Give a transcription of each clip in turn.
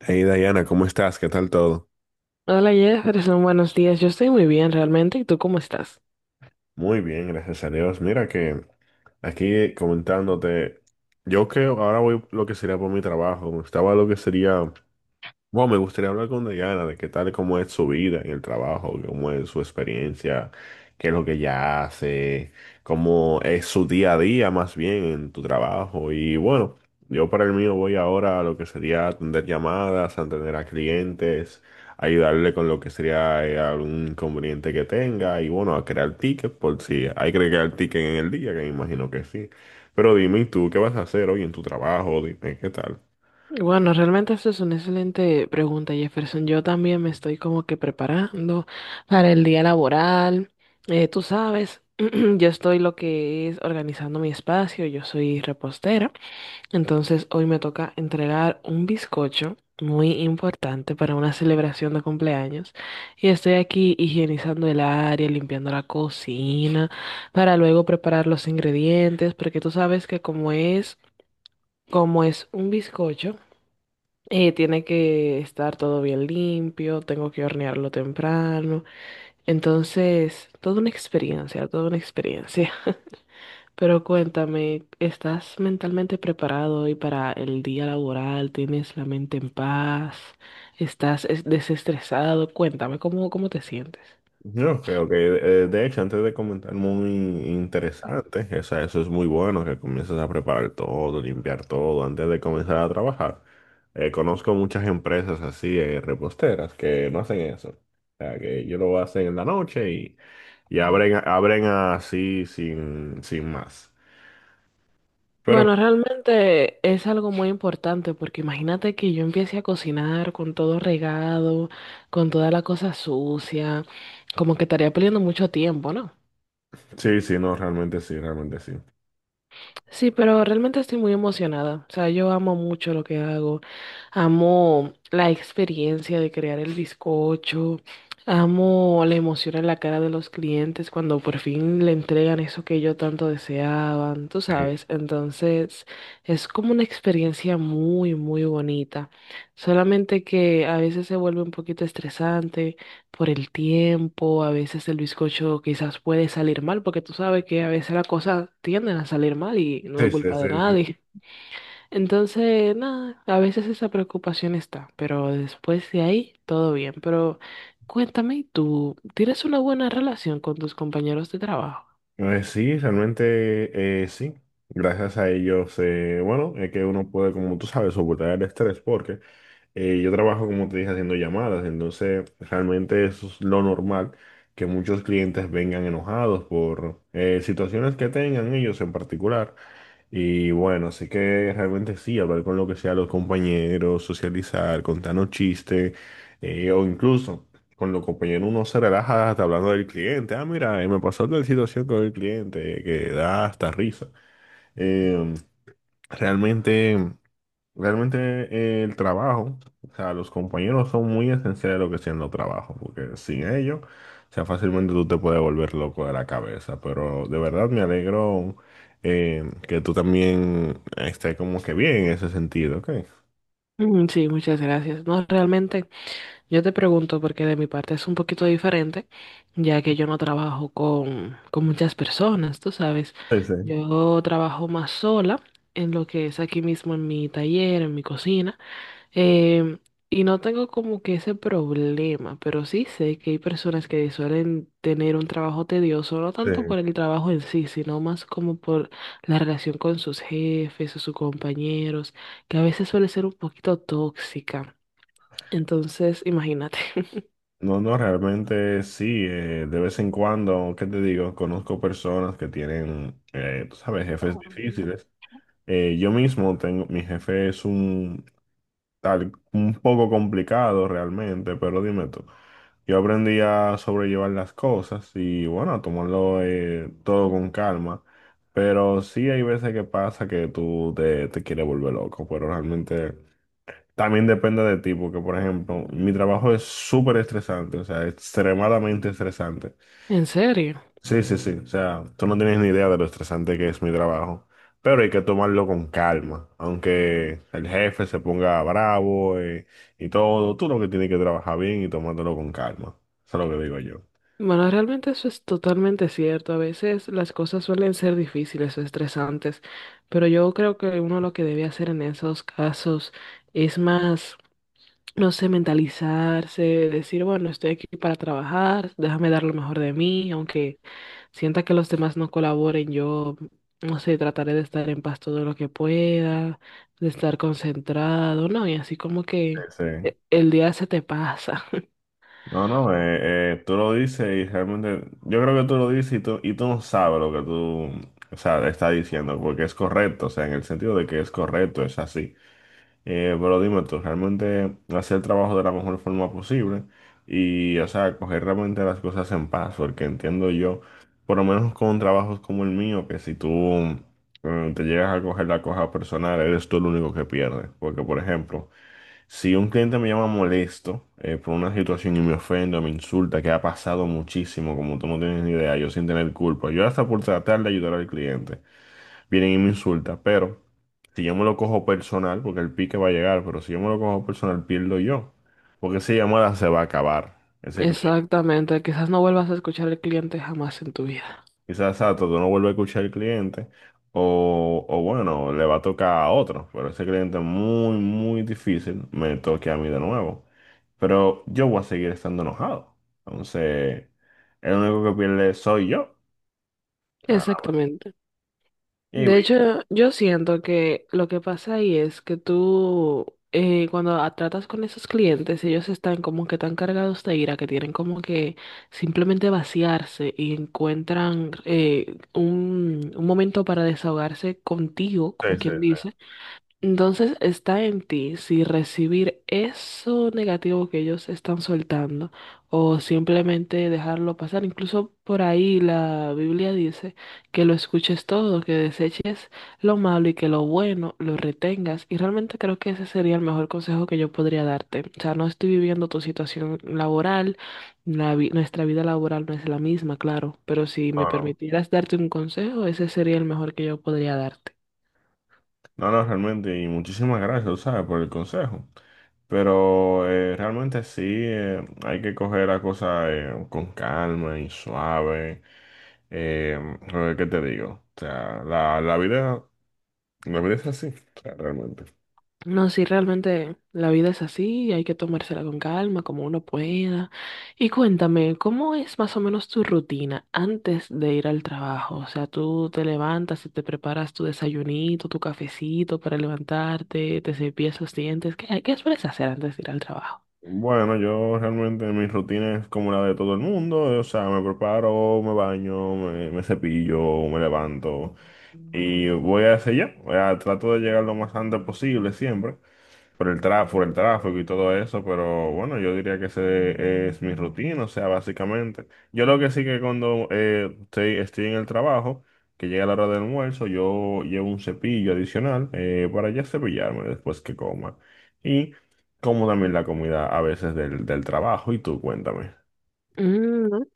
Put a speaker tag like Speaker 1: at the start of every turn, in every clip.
Speaker 1: Hey Diana, ¿cómo estás? ¿Qué tal todo?
Speaker 2: Hola Jefferson, buenos días. Yo estoy muy bien realmente. ¿Y tú cómo estás?
Speaker 1: Muy bien, gracias a Dios. Mira que aquí comentándote, yo que ahora voy lo que sería por mi trabajo, estaba lo que sería. Bueno, me gustaría hablar con Diana de qué tal, cómo es su vida en el trabajo, cómo es su experiencia, qué es lo que ella hace, cómo es su día a día más bien en tu trabajo. Y bueno, yo para el mío voy ahora a lo que sería atender llamadas, atender a clientes, ayudarle con lo que sería algún inconveniente que tenga y bueno, a crear tickets por si hay que crear tickets en el día, que me imagino que sí. Pero dime, ¿y tú, qué vas a hacer hoy en tu trabajo? Dime, ¿qué tal?
Speaker 2: Bueno, realmente eso es una excelente pregunta, Jefferson. Yo también me estoy como que preparando para el día laboral. Tú sabes, yo estoy lo que es organizando mi espacio. Yo soy repostera. Entonces hoy me toca entregar un bizcocho muy importante para una celebración de cumpleaños y estoy aquí higienizando el área, limpiando la cocina para luego preparar los ingredientes porque tú sabes que como es un bizcocho, tiene que estar todo bien limpio, tengo que hornearlo temprano, entonces toda una experiencia, toda una experiencia. Pero cuéntame, ¿estás mentalmente preparado hoy para el día laboral? ¿Tienes la mente en paz? ¿Estás desestresado? Cuéntame, cómo te sientes?
Speaker 1: Ok, ok. De hecho, antes de comentar, muy interesante. O sea, eso es muy bueno, que comiences a preparar todo, limpiar todo antes de comenzar a trabajar. Conozco muchas empresas así, reposteras, que no hacen eso. O sea, que ellos lo hacen en la noche y abren, abren así sin más. Pero
Speaker 2: Bueno, realmente es algo muy importante porque imagínate que yo empiece a cocinar con todo regado, con toda la cosa sucia, como que estaría perdiendo mucho tiempo, ¿no?
Speaker 1: sí, sí, no, realmente sí, realmente sí.
Speaker 2: Sí, pero realmente estoy muy emocionada. O sea, yo amo mucho lo que hago. Amo la experiencia de crear el bizcocho. Amo la emoción en la cara de los clientes cuando por fin le entregan eso que ellos tanto deseaban, tú
Speaker 1: Sí,
Speaker 2: sabes. Entonces, es como una experiencia muy, muy bonita. Solamente que a veces se vuelve un poquito estresante por el tiempo, a veces el bizcocho quizás puede salir mal, porque tú sabes que a veces las cosas tienden a salir mal y no es
Speaker 1: sí, sí,
Speaker 2: culpa
Speaker 1: sí.
Speaker 2: de nadie. Entonces, nada, a veces esa preocupación está, pero después de ahí todo bien. Pero cuéntame, ¿y tú tienes una buena relación con tus compañeros de trabajo?
Speaker 1: Sí, realmente sí. Gracias a ellos, bueno, es que uno puede, como tú sabes, soportar el estrés porque yo trabajo, como te dije, haciendo llamadas, entonces realmente eso es lo normal, que muchos clientes vengan enojados por situaciones que tengan ellos en particular. Y bueno, así que realmente sí, hablar con lo que sea los compañeros, socializar, contarnos chistes, o incluso con los compañeros uno se relaja hasta hablando del cliente. Ah, mira, me pasó tal situación con el cliente, que da hasta risa. Eh, realmente. Realmente el trabajo, o sea, los compañeros son muy esenciales lo que siendo trabajo, porque sin ellos, o sea, fácilmente tú te puedes volver loco de la cabeza, pero de verdad me alegro que tú también estés como que bien en ese sentido, ¿ok?
Speaker 2: Mm, sí, muchas gracias. No, realmente. Yo te pregunto porque de mi parte es un poquito diferente, ya que yo no trabajo con muchas personas, tú sabes.
Speaker 1: Sí, sí,
Speaker 2: Yo trabajo más sola en lo que es aquí mismo en mi taller, en mi cocina, em, y no tengo como que ese problema, pero sí sé que hay personas que suelen tener un trabajo tedioso, no
Speaker 1: sí.
Speaker 2: tanto por el trabajo en sí, sino más como por la relación con sus jefes o sus compañeros, que a veces suele ser un poquito tóxica. Entonces, imagínate.
Speaker 1: No, no, realmente sí, de vez en cuando, ¿qué te digo? Conozco personas que tienen, tú sabes, jefes difíciles. Yo mismo tengo, mi jefe es un un poco complicado realmente, pero dime tú. Yo aprendí a sobrellevar las cosas y bueno, a tomarlo todo con calma, pero sí hay veces que pasa que tú te quieres volver loco, pero realmente también depende de ti, porque por ejemplo, mi trabajo es súper estresante, o sea, extremadamente estresante.
Speaker 2: ¿En serio?
Speaker 1: Sí, sí, sí. O sea, tú no tienes ni idea de lo estresante que es mi trabajo. Pero hay que tomarlo con calma. Aunque el jefe se ponga bravo, y, todo, tú lo que tienes que trabajar bien y tomártelo con calma. Eso es lo que digo yo.
Speaker 2: Bueno, realmente eso es totalmente cierto. A veces las cosas suelen ser difíciles o estresantes, pero yo creo que uno lo que debe hacer en esos casos es más, no sé, mentalizarse, decir, bueno, estoy aquí para trabajar, déjame dar lo mejor de mí, aunque sienta que los demás no colaboren, yo, no sé, trataré de estar en paz todo lo que pueda, de estar concentrado, ¿no? Y así como que
Speaker 1: Sí, sí.
Speaker 2: el día se te pasa.
Speaker 1: No, no, tú lo dices y realmente, yo creo que tú lo dices y tú no sabes lo que tú, o sea, estás diciendo, porque es correcto, o sea, en el sentido de que es correcto, es así. Pero dime tú, realmente hacer el trabajo de la mejor forma posible y, o sea, coger realmente las cosas en paz, porque entiendo yo, por lo menos con trabajos como el mío, que si tú te llegas a coger la cosa personal, eres tú el único que pierde. Porque, por ejemplo, si un cliente me llama molesto por una situación y me ofende o me insulta, que ha pasado muchísimo, como tú no tienes ni idea, yo sin tener culpa, yo hasta por tratar de ayudar al cliente vienen y me insulta, pero si yo me lo cojo personal, porque el pique va a llegar, pero si yo me lo cojo personal, pierdo yo, porque esa llamada se va a acabar. Ese cliente,
Speaker 2: Exactamente, quizás no vuelvas a escuchar al cliente jamás en tu vida.
Speaker 1: quizás exacto, tú no vuelves a escuchar al cliente, o bueno, le va a tocar a otro, pero ese cliente muy, muy difícil me toque a mí de nuevo. Pero yo voy a seguir estando enojado. Entonces, el único que pierde soy yo. Ah,
Speaker 2: Exactamente.
Speaker 1: y,
Speaker 2: De
Speaker 1: y-
Speaker 2: hecho, yo siento que lo que pasa ahí es que tú, cuando tratas con esos clientes, ellos están como que tan cargados de ira que tienen como que simplemente vaciarse y encuentran un momento para desahogarse contigo,
Speaker 1: sí,
Speaker 2: como
Speaker 1: sí,
Speaker 2: quien
Speaker 1: sí.
Speaker 2: dice. Entonces está en ti si recibir eso negativo que ellos están soltando o simplemente dejarlo pasar. Incluso por ahí la Biblia dice que lo escuches todo, que deseches lo malo y que lo bueno lo retengas. Y realmente creo que ese sería el mejor consejo que yo podría darte. O sea, no estoy viviendo tu situación laboral, nuestra vida laboral no es la misma, claro, pero si me
Speaker 1: No, no.
Speaker 2: permitieras darte un consejo, ese sería el mejor que yo podría darte.
Speaker 1: No, no, realmente, y muchísimas gracias, tú ¿sabes? Por el consejo. Pero realmente sí, hay que coger las cosas con calma y suave. Eh, a ver, ¿qué te digo? O sea, la vida es así, o sea, realmente.
Speaker 2: No, sí, realmente la vida es así y hay que tomársela con calma, como uno pueda. Y cuéntame, ¿cómo es más o menos tu rutina antes de ir al trabajo? O sea, tú te levantas y te preparas tu desayunito, tu cafecito para levantarte, te cepillas los dientes. Qué sueles hacer antes de ir al trabajo?
Speaker 1: Bueno, yo realmente mi rutina es como la de todo el mundo, o sea, me preparo, me baño, me cepillo, me levanto y voy a hacer ya, o sea, trato de llegar lo más antes posible siempre. Por el tráfico y todo eso, pero bueno, yo diría que ese es mi rutina, o sea, básicamente. Yo lo que sí que cuando estoy en el trabajo, que llega la hora del almuerzo, yo llevo un cepillo adicional para ya cepillarme después que coma. Y como también la comida a veces del trabajo, y tú cuéntame.
Speaker 2: Mm, ok,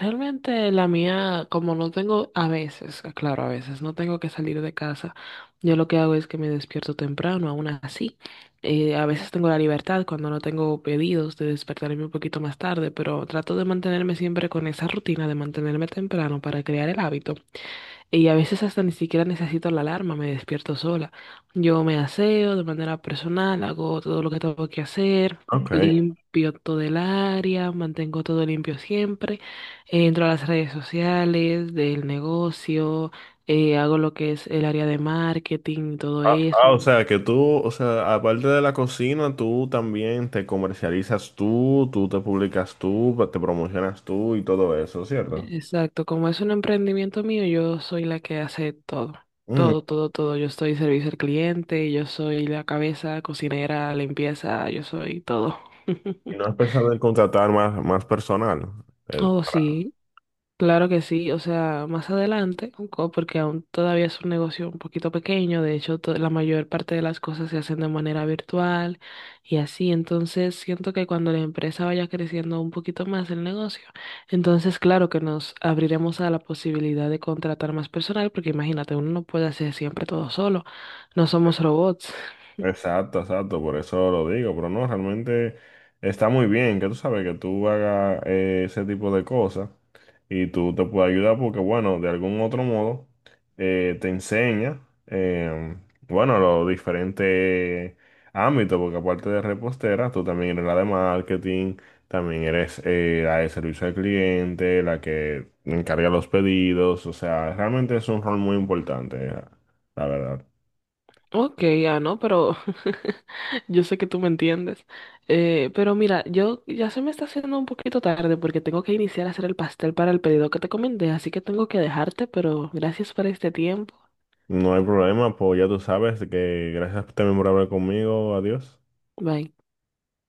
Speaker 2: realmente la mía, como no tengo, a veces, claro, a veces no tengo que salir de casa, yo lo que hago es que me despierto temprano, aún así. A veces tengo la libertad cuando no tengo pedidos de despertarme un poquito más tarde, pero trato de mantenerme siempre con esa rutina de mantenerme temprano para crear el hábito. Y a veces hasta ni siquiera necesito la alarma, me despierto sola. Yo me aseo de manera personal, hago todo lo que tengo que hacer,
Speaker 1: Ok.
Speaker 2: limpio todo el área, mantengo todo limpio siempre, entro a las redes sociales del negocio, hago lo que es el área de marketing, y todo
Speaker 1: Ah,
Speaker 2: eso.
Speaker 1: ah, o sea, que tú, o sea, aparte de la cocina, tú también te comercializas tú, tú te publicas tú, te promocionas tú y todo eso, ¿cierto?
Speaker 2: Exacto, como es un emprendimiento mío, yo soy la que hace todo,
Speaker 1: Mm.
Speaker 2: todo. Yo soy servicio al cliente, yo soy la cabeza, cocinera, limpieza, yo soy todo.
Speaker 1: ¿Y no has pensado en contratar más, más personal? Eh.
Speaker 2: Oh, sí, claro que sí, o sea, más adelante, porque aún todavía es un negocio un poquito pequeño, de hecho, la mayor parte de las cosas se hacen de manera virtual y así, entonces siento que cuando la empresa vaya creciendo un poquito más el negocio, entonces claro que nos abriremos a la posibilidad de contratar más personal, porque imagínate, uno no puede hacer siempre todo solo, no somos robots.
Speaker 1: Exacto, exacto, por eso lo digo, pero no, realmente está muy bien que tú sabes que tú hagas ese tipo de cosas y tú te puedes ayudar porque, bueno, de algún otro modo te enseña, eh, bueno, los diferentes ámbitos, porque aparte de repostera, tú también eres la de marketing, también eres la de servicio al cliente, la que encarga los pedidos, o sea, realmente es un rol muy importante, la verdad.
Speaker 2: Ok, ah, no, pero yo sé que tú me entiendes, pero mira, yo ya se me está haciendo un poquito tarde porque tengo que iniciar a hacer el pastel para el pedido que te comenté, así que tengo que dejarte, pero gracias por este tiempo.
Speaker 1: No hay problema, pues ya tú sabes que gracias también por hablar conmigo. Adiós.
Speaker 2: Bye.